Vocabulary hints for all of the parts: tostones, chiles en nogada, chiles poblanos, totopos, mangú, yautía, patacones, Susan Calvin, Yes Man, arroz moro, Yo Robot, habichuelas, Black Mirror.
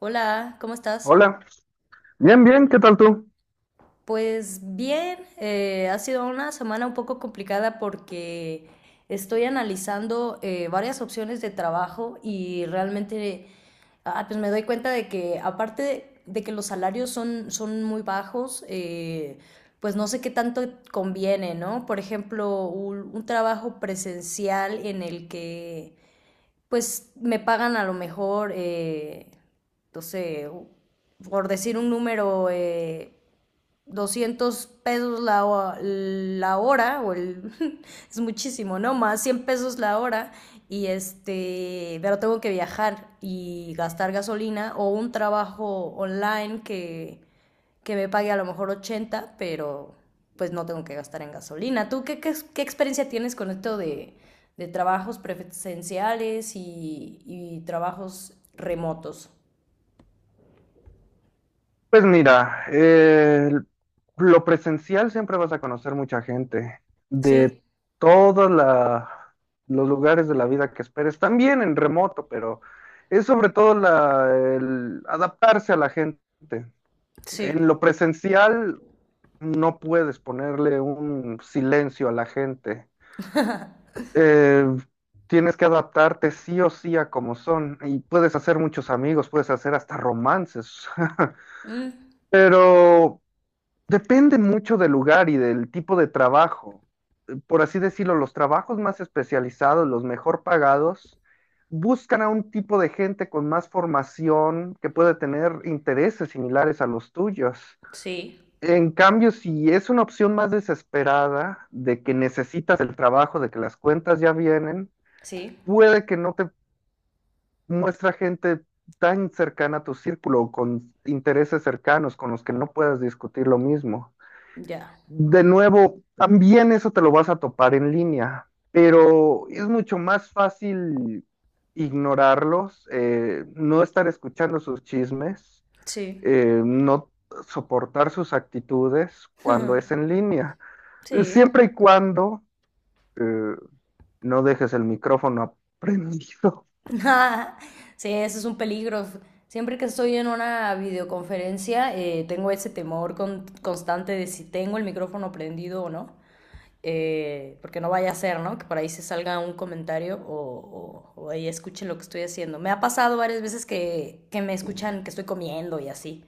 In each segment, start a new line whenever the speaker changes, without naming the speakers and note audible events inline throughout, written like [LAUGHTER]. Hola, ¿cómo estás?
Hola, bien, bien, ¿qué tal tú?
Pues bien, ha sido una semana un poco complicada porque estoy analizando varias opciones de trabajo, y realmente pues me doy cuenta de que aparte de que los salarios son muy bajos, pues no sé qué tanto conviene, ¿no? Por ejemplo, un trabajo presencial en el que pues me pagan a lo mejor, no sé, por decir un número, 200 pesos la hora, o el, [LAUGHS] es muchísimo, ¿no? Más 100 pesos la hora, y pero tengo que viajar y gastar gasolina, o un trabajo online que me pague a lo mejor 80, pero pues no tengo que gastar en gasolina. ¿Tú qué experiencia tienes con esto de trabajos presenciales y trabajos remotos?
Pues mira, lo presencial siempre vas a conocer mucha gente de
Sí,
todos los lugares de la vida que esperes, también en remoto, pero es sobre todo la, el adaptarse a la gente. En
sí.
lo presencial no puedes ponerle un silencio a la gente. Eh, tienes que adaptarte sí o sí a como son y puedes hacer muchos amigos, puedes hacer hasta romances. [LAUGHS]
Mm.
Pero depende mucho del lugar y del tipo de trabajo. Por así decirlo, los trabajos más especializados, los mejor pagados, buscan a un tipo de gente con más formación que puede tener intereses similares a los tuyos.
Sí,
En cambio, si es una opción más desesperada de que necesitas el trabajo, de que las cuentas ya vienen,
sí,
puede que no te muestra gente tan cercana a tu círculo, o con intereses cercanos con los que no puedas discutir lo mismo.
ya,
De nuevo, también eso te lo vas a topar en línea, pero es mucho más fácil ignorarlos, no estar escuchando sus chismes,
sí,
no soportar sus actitudes cuando es en línea,
sí.
siempre y cuando eh, no dejes el micrófono prendido. [LAUGHS]
[LAUGHS] Sí, eso es un peligro. Siempre que estoy en una videoconferencia, tengo ese temor constante de si tengo el micrófono prendido o no. Porque no vaya a ser, ¿no? Que por ahí se salga un comentario o ahí escuchen lo que estoy haciendo. Me ha pasado varias veces que me escuchan que estoy comiendo y así.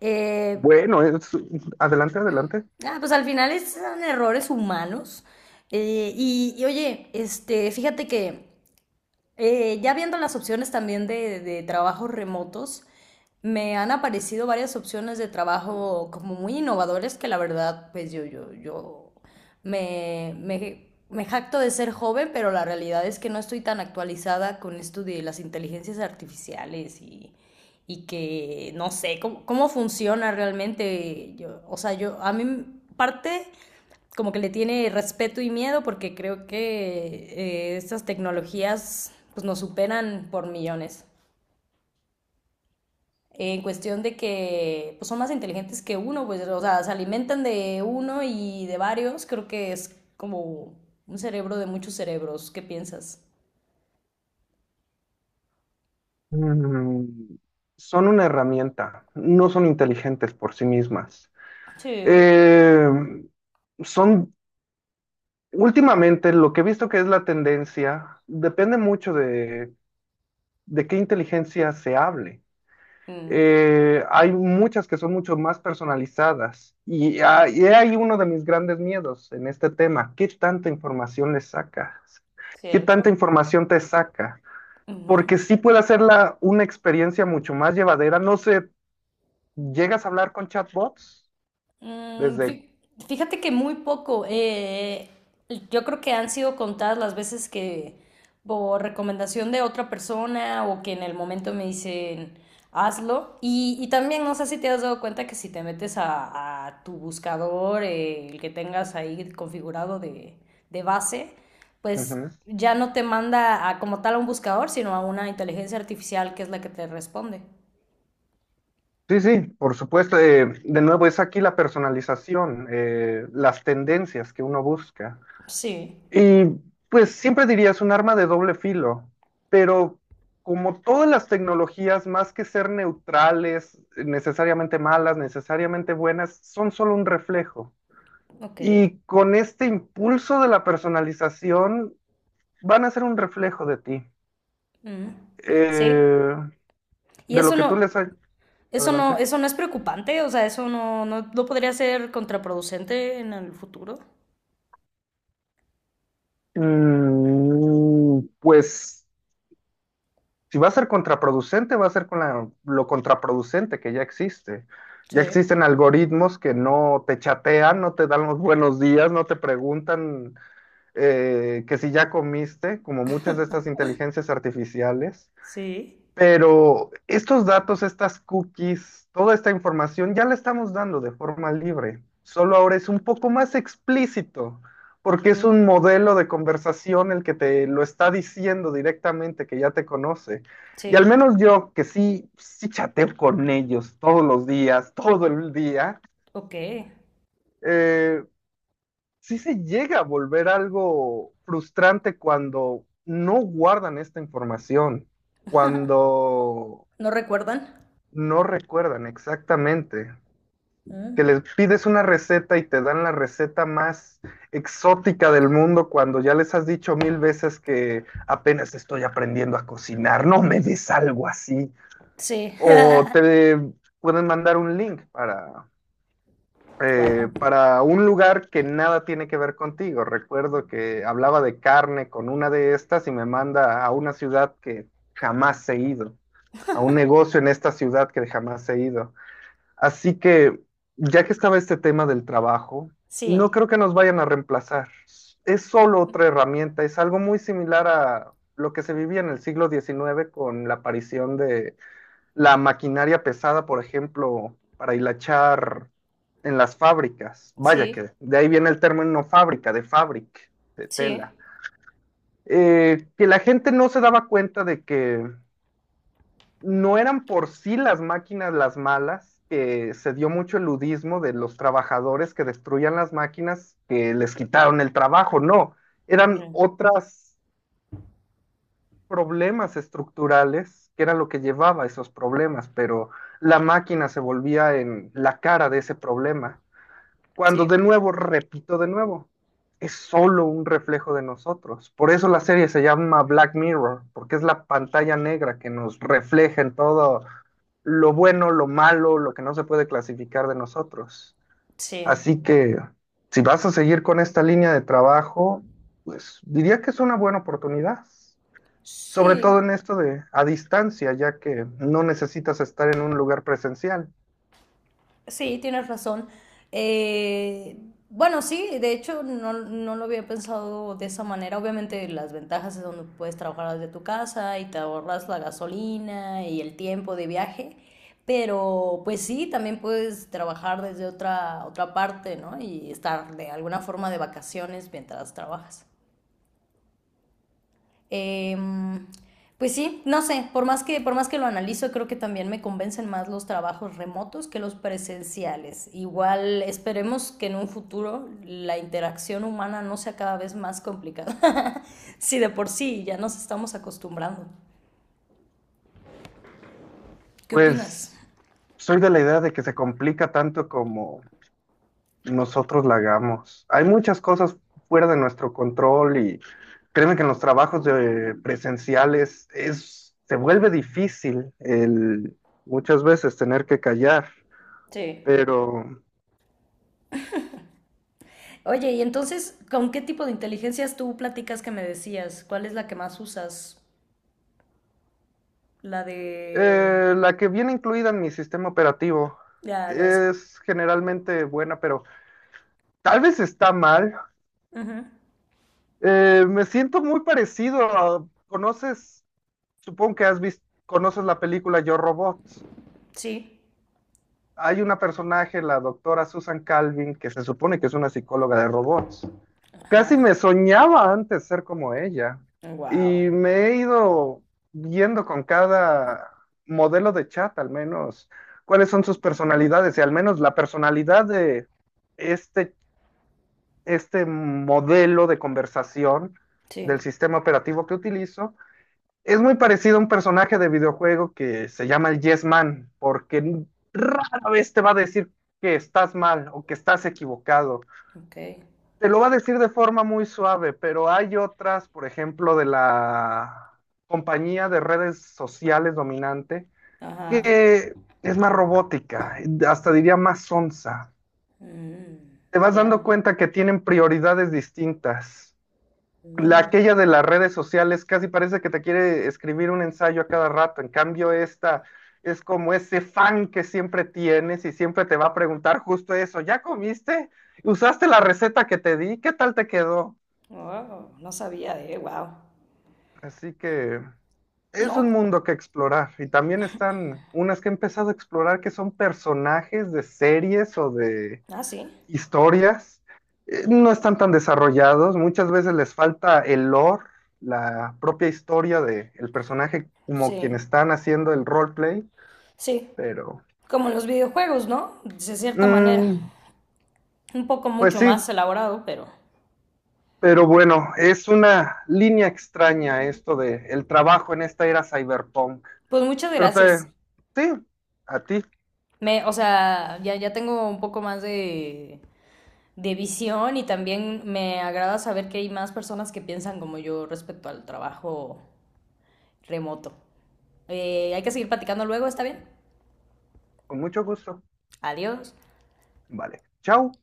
Eh,
Bueno, adelante, adelante.
pues al final son errores humanos. Y oye, fíjate que ya viendo las opciones también de trabajos remotos, me han aparecido varias opciones de trabajo como muy innovadores, que la verdad, pues yo me jacto de ser joven, pero la realidad es que no estoy tan actualizada con esto de las inteligencias artificiales, y que no sé cómo funciona realmente. Yo, o sea, a mí parte como que le tiene respeto y miedo, porque creo que estas tecnologías pues nos superan por millones. En cuestión de que pues, son más inteligentes que uno, pues, o sea, se alimentan de uno y de varios. Creo que es como un cerebro de muchos cerebros. ¿Qué piensas?
Mm, son una herramienta, no son inteligentes por sí mismas.
Sí.
Eh, son últimamente lo que he visto que es la tendencia, depende mucho de qué inteligencia se hable.
Mm,
Hay muchas que son mucho más personalizadas y hay ahí uno de mis grandes miedos en este tema. ¿Qué tanta información le sacas? ¿Qué tanta
cierto.
información te saca?
Uh -huh.
Porque sí puede hacerla una experiencia mucho más llevadera. No sé, ¿llegas a hablar con chatbots?
Mm,
Desde...
fí- Fíjate que muy poco. Yo creo que han sido contadas las veces que por recomendación de otra persona, o que en el momento me dicen hazlo. Y también no sé si te has dado cuenta que si te metes a tu buscador, el que tengas ahí configurado de base, pues
Ujú.
ya no te manda a, como tal, a un buscador, sino a una inteligencia artificial que es la que te responde.
Sí, sí, por supuesto. De nuevo, es aquí la personalización, las tendencias que uno busca.
Sí,
Y pues siempre diría es un arma de doble filo, pero como todas las tecnologías, más que ser neutrales, necesariamente malas, necesariamente buenas, son solo un reflejo.
ok.
Y con este impulso de la personalización, van a ser un reflejo de ti,
Mm. Sí.
eh,
Y
de
eso
lo que tú
no,
les...
Eso no,
Adelante.
eso no es preocupante, o sea, eso no, no, no podría ser contraproducente en el futuro.
Mm, pues... si va a ser contraproducente, va a ser con lo contraproducente que ya existe.
Sí,
Ya existen algoritmos que no te chatean, no te dan los buenos días, no te preguntan que si ya comiste, como muchas de estas inteligencias artificiales.
sí.
Pero estos datos, estas cookies, toda esta información ya la estamos dando de forma libre. Solo ahora es un poco más explícito, porque es
Mm.
un modelo de conversación el que te lo está diciendo directamente, que ya te conoce. Y al
Sí.
menos yo, que sí, sí chateo con ellos todos los días, todo
o-
el día,
ok.
eh, sí se llega a volver algo frustrante cuando no guardan esta información, cuando
¿No recuerdan?
no recuerdan exactamente.
Mm.
Que les pides una receta y te dan la receta más exótica del mundo cuando ya les has dicho mil veces que apenas estoy aprendiendo a cocinar, no me des algo así.
Sí. [LAUGHS]
O te pueden mandar un link
Wow.
para un lugar que nada tiene que ver contigo. Recuerdo que hablaba de carne con una de estas y me manda a una ciudad que jamás he ido, a un negocio en esta ciudad que jamás he ido. Así que, ya que estaba este tema del trabajo, no
Sí,
creo que nos vayan a reemplazar. Es solo otra herramienta, es algo muy similar a lo que se vivía en el siglo XIX con la aparición de la maquinaria pesada, por ejemplo, para hilachar en las fábricas. Vaya que
sí,
de ahí viene el término fábrica, de fabric, de
sí.
tela. Que la gente no se daba cuenta de que no eran por sí las máquinas las malas, que se dio mucho el ludismo de los trabajadores que destruían las máquinas, que les quitaron el trabajo, no, eran
Mm.
otros problemas estructurales que era lo que llevaba a esos problemas, pero la máquina se volvía en la cara de ese problema. Cuando de
Sí,
nuevo, repito de nuevo, es solo un reflejo de nosotros. Por eso la serie se llama Black Mirror, porque es la pantalla negra que nos refleja en todo lo bueno, lo malo, lo que no se puede clasificar de nosotros.
sí,
Así que si vas a seguir con esta línea de trabajo, pues diría que es una buena oportunidad, sobre todo
sí.
en esto de a distancia, ya que no necesitas estar en un lugar presencial.
Sí, tienes razón. Eh, bueno, sí, de hecho no lo había pensado de esa manera. Obviamente las ventajas es donde puedes trabajar desde tu casa y te ahorras la gasolina y el tiempo de viaje, pero pues sí, también puedes trabajar desde otra parte, ¿no? Y estar de alguna forma de vacaciones mientras trabajas. Em, pues sí, no sé, por más que lo analizo, creo que también me convencen más los trabajos remotos que los presenciales. Igual esperemos que en un futuro la interacción humana no sea cada vez más complicada, [LAUGHS] si de por sí ya nos estamos acostumbrando. ¿Qué opinas?
Pues soy de la idea de que se complica tanto como nosotros la hagamos. Hay muchas cosas fuera de nuestro control y créeme que en los trabajos de presenciales es, se vuelve difícil el muchas veces tener que callar,
Sí.
pero
Oye, y entonces, ¿con qué tipo de inteligencias tú platicas, que me decías? ¿Cuál es la que más usas? La de...
la que viene incluida en mi sistema operativo
La de... hace-
es generalmente buena, pero tal vez está mal. Me siento muy parecido a, ¿conoces? Supongo que has visto, conoces la película Yo Robot.
Sí.
Hay una personaje, la doctora Susan Calvin, que se supone que es una psicóloga de robots. Casi
Ajá.
me soñaba antes ser como ella.
Wow.
Y me he ido viendo con cada modelo de chat, al menos, cuáles son sus personalidades. Y al menos la personalidad de este, este modelo de conversación del
Sí.
sistema operativo que utilizo es muy parecido a un personaje de videojuego que se llama el Yes Man, porque rara vez te va a decir que estás mal o que estás equivocado.
Ok.
Te lo va a decir de forma muy suave, pero hay otras, por ejemplo, de la compañía de redes sociales dominante,
Ajá.
que es más robótica, hasta diría más sonsa.
Mm,
Te vas dando
ya.
cuenta que tienen prioridades distintas. La
Mm.
aquella de las redes sociales casi parece que te quiere escribir un ensayo a cada rato. En cambio, esta es como ese fan que siempre tienes y siempre te va a preguntar justo eso. ¿Ya comiste? ¿Usaste la receta que te di? ¿Qué tal te quedó?
Wow, no sabía, wow.
Así que es un
No.
mundo que explorar. Y también están unas que he empezado a explorar que son personajes de series o de
Ah, sí.
historias, no están tan desarrollados, muchas veces les falta el lore, la propia historia del personaje como quien
Sí.
están haciendo el roleplay,
Sí.
pero
Como en los videojuegos, ¿no? De cierta manera.
mm,
Un poco
pues
mucho
sí,
más elaborado, pero.
pero bueno, es una línea extraña esto de el trabajo en esta era cyberpunk.
Pues muchas
Pero
gracias.
te, sí, a ti,
O sea, ya tengo un poco más de visión, y también me agrada saber que hay más personas que piensan como yo respecto al trabajo remoto. Hay que seguir platicando luego, ¿está bien?
con mucho gusto.
Adiós.
Vale, chao.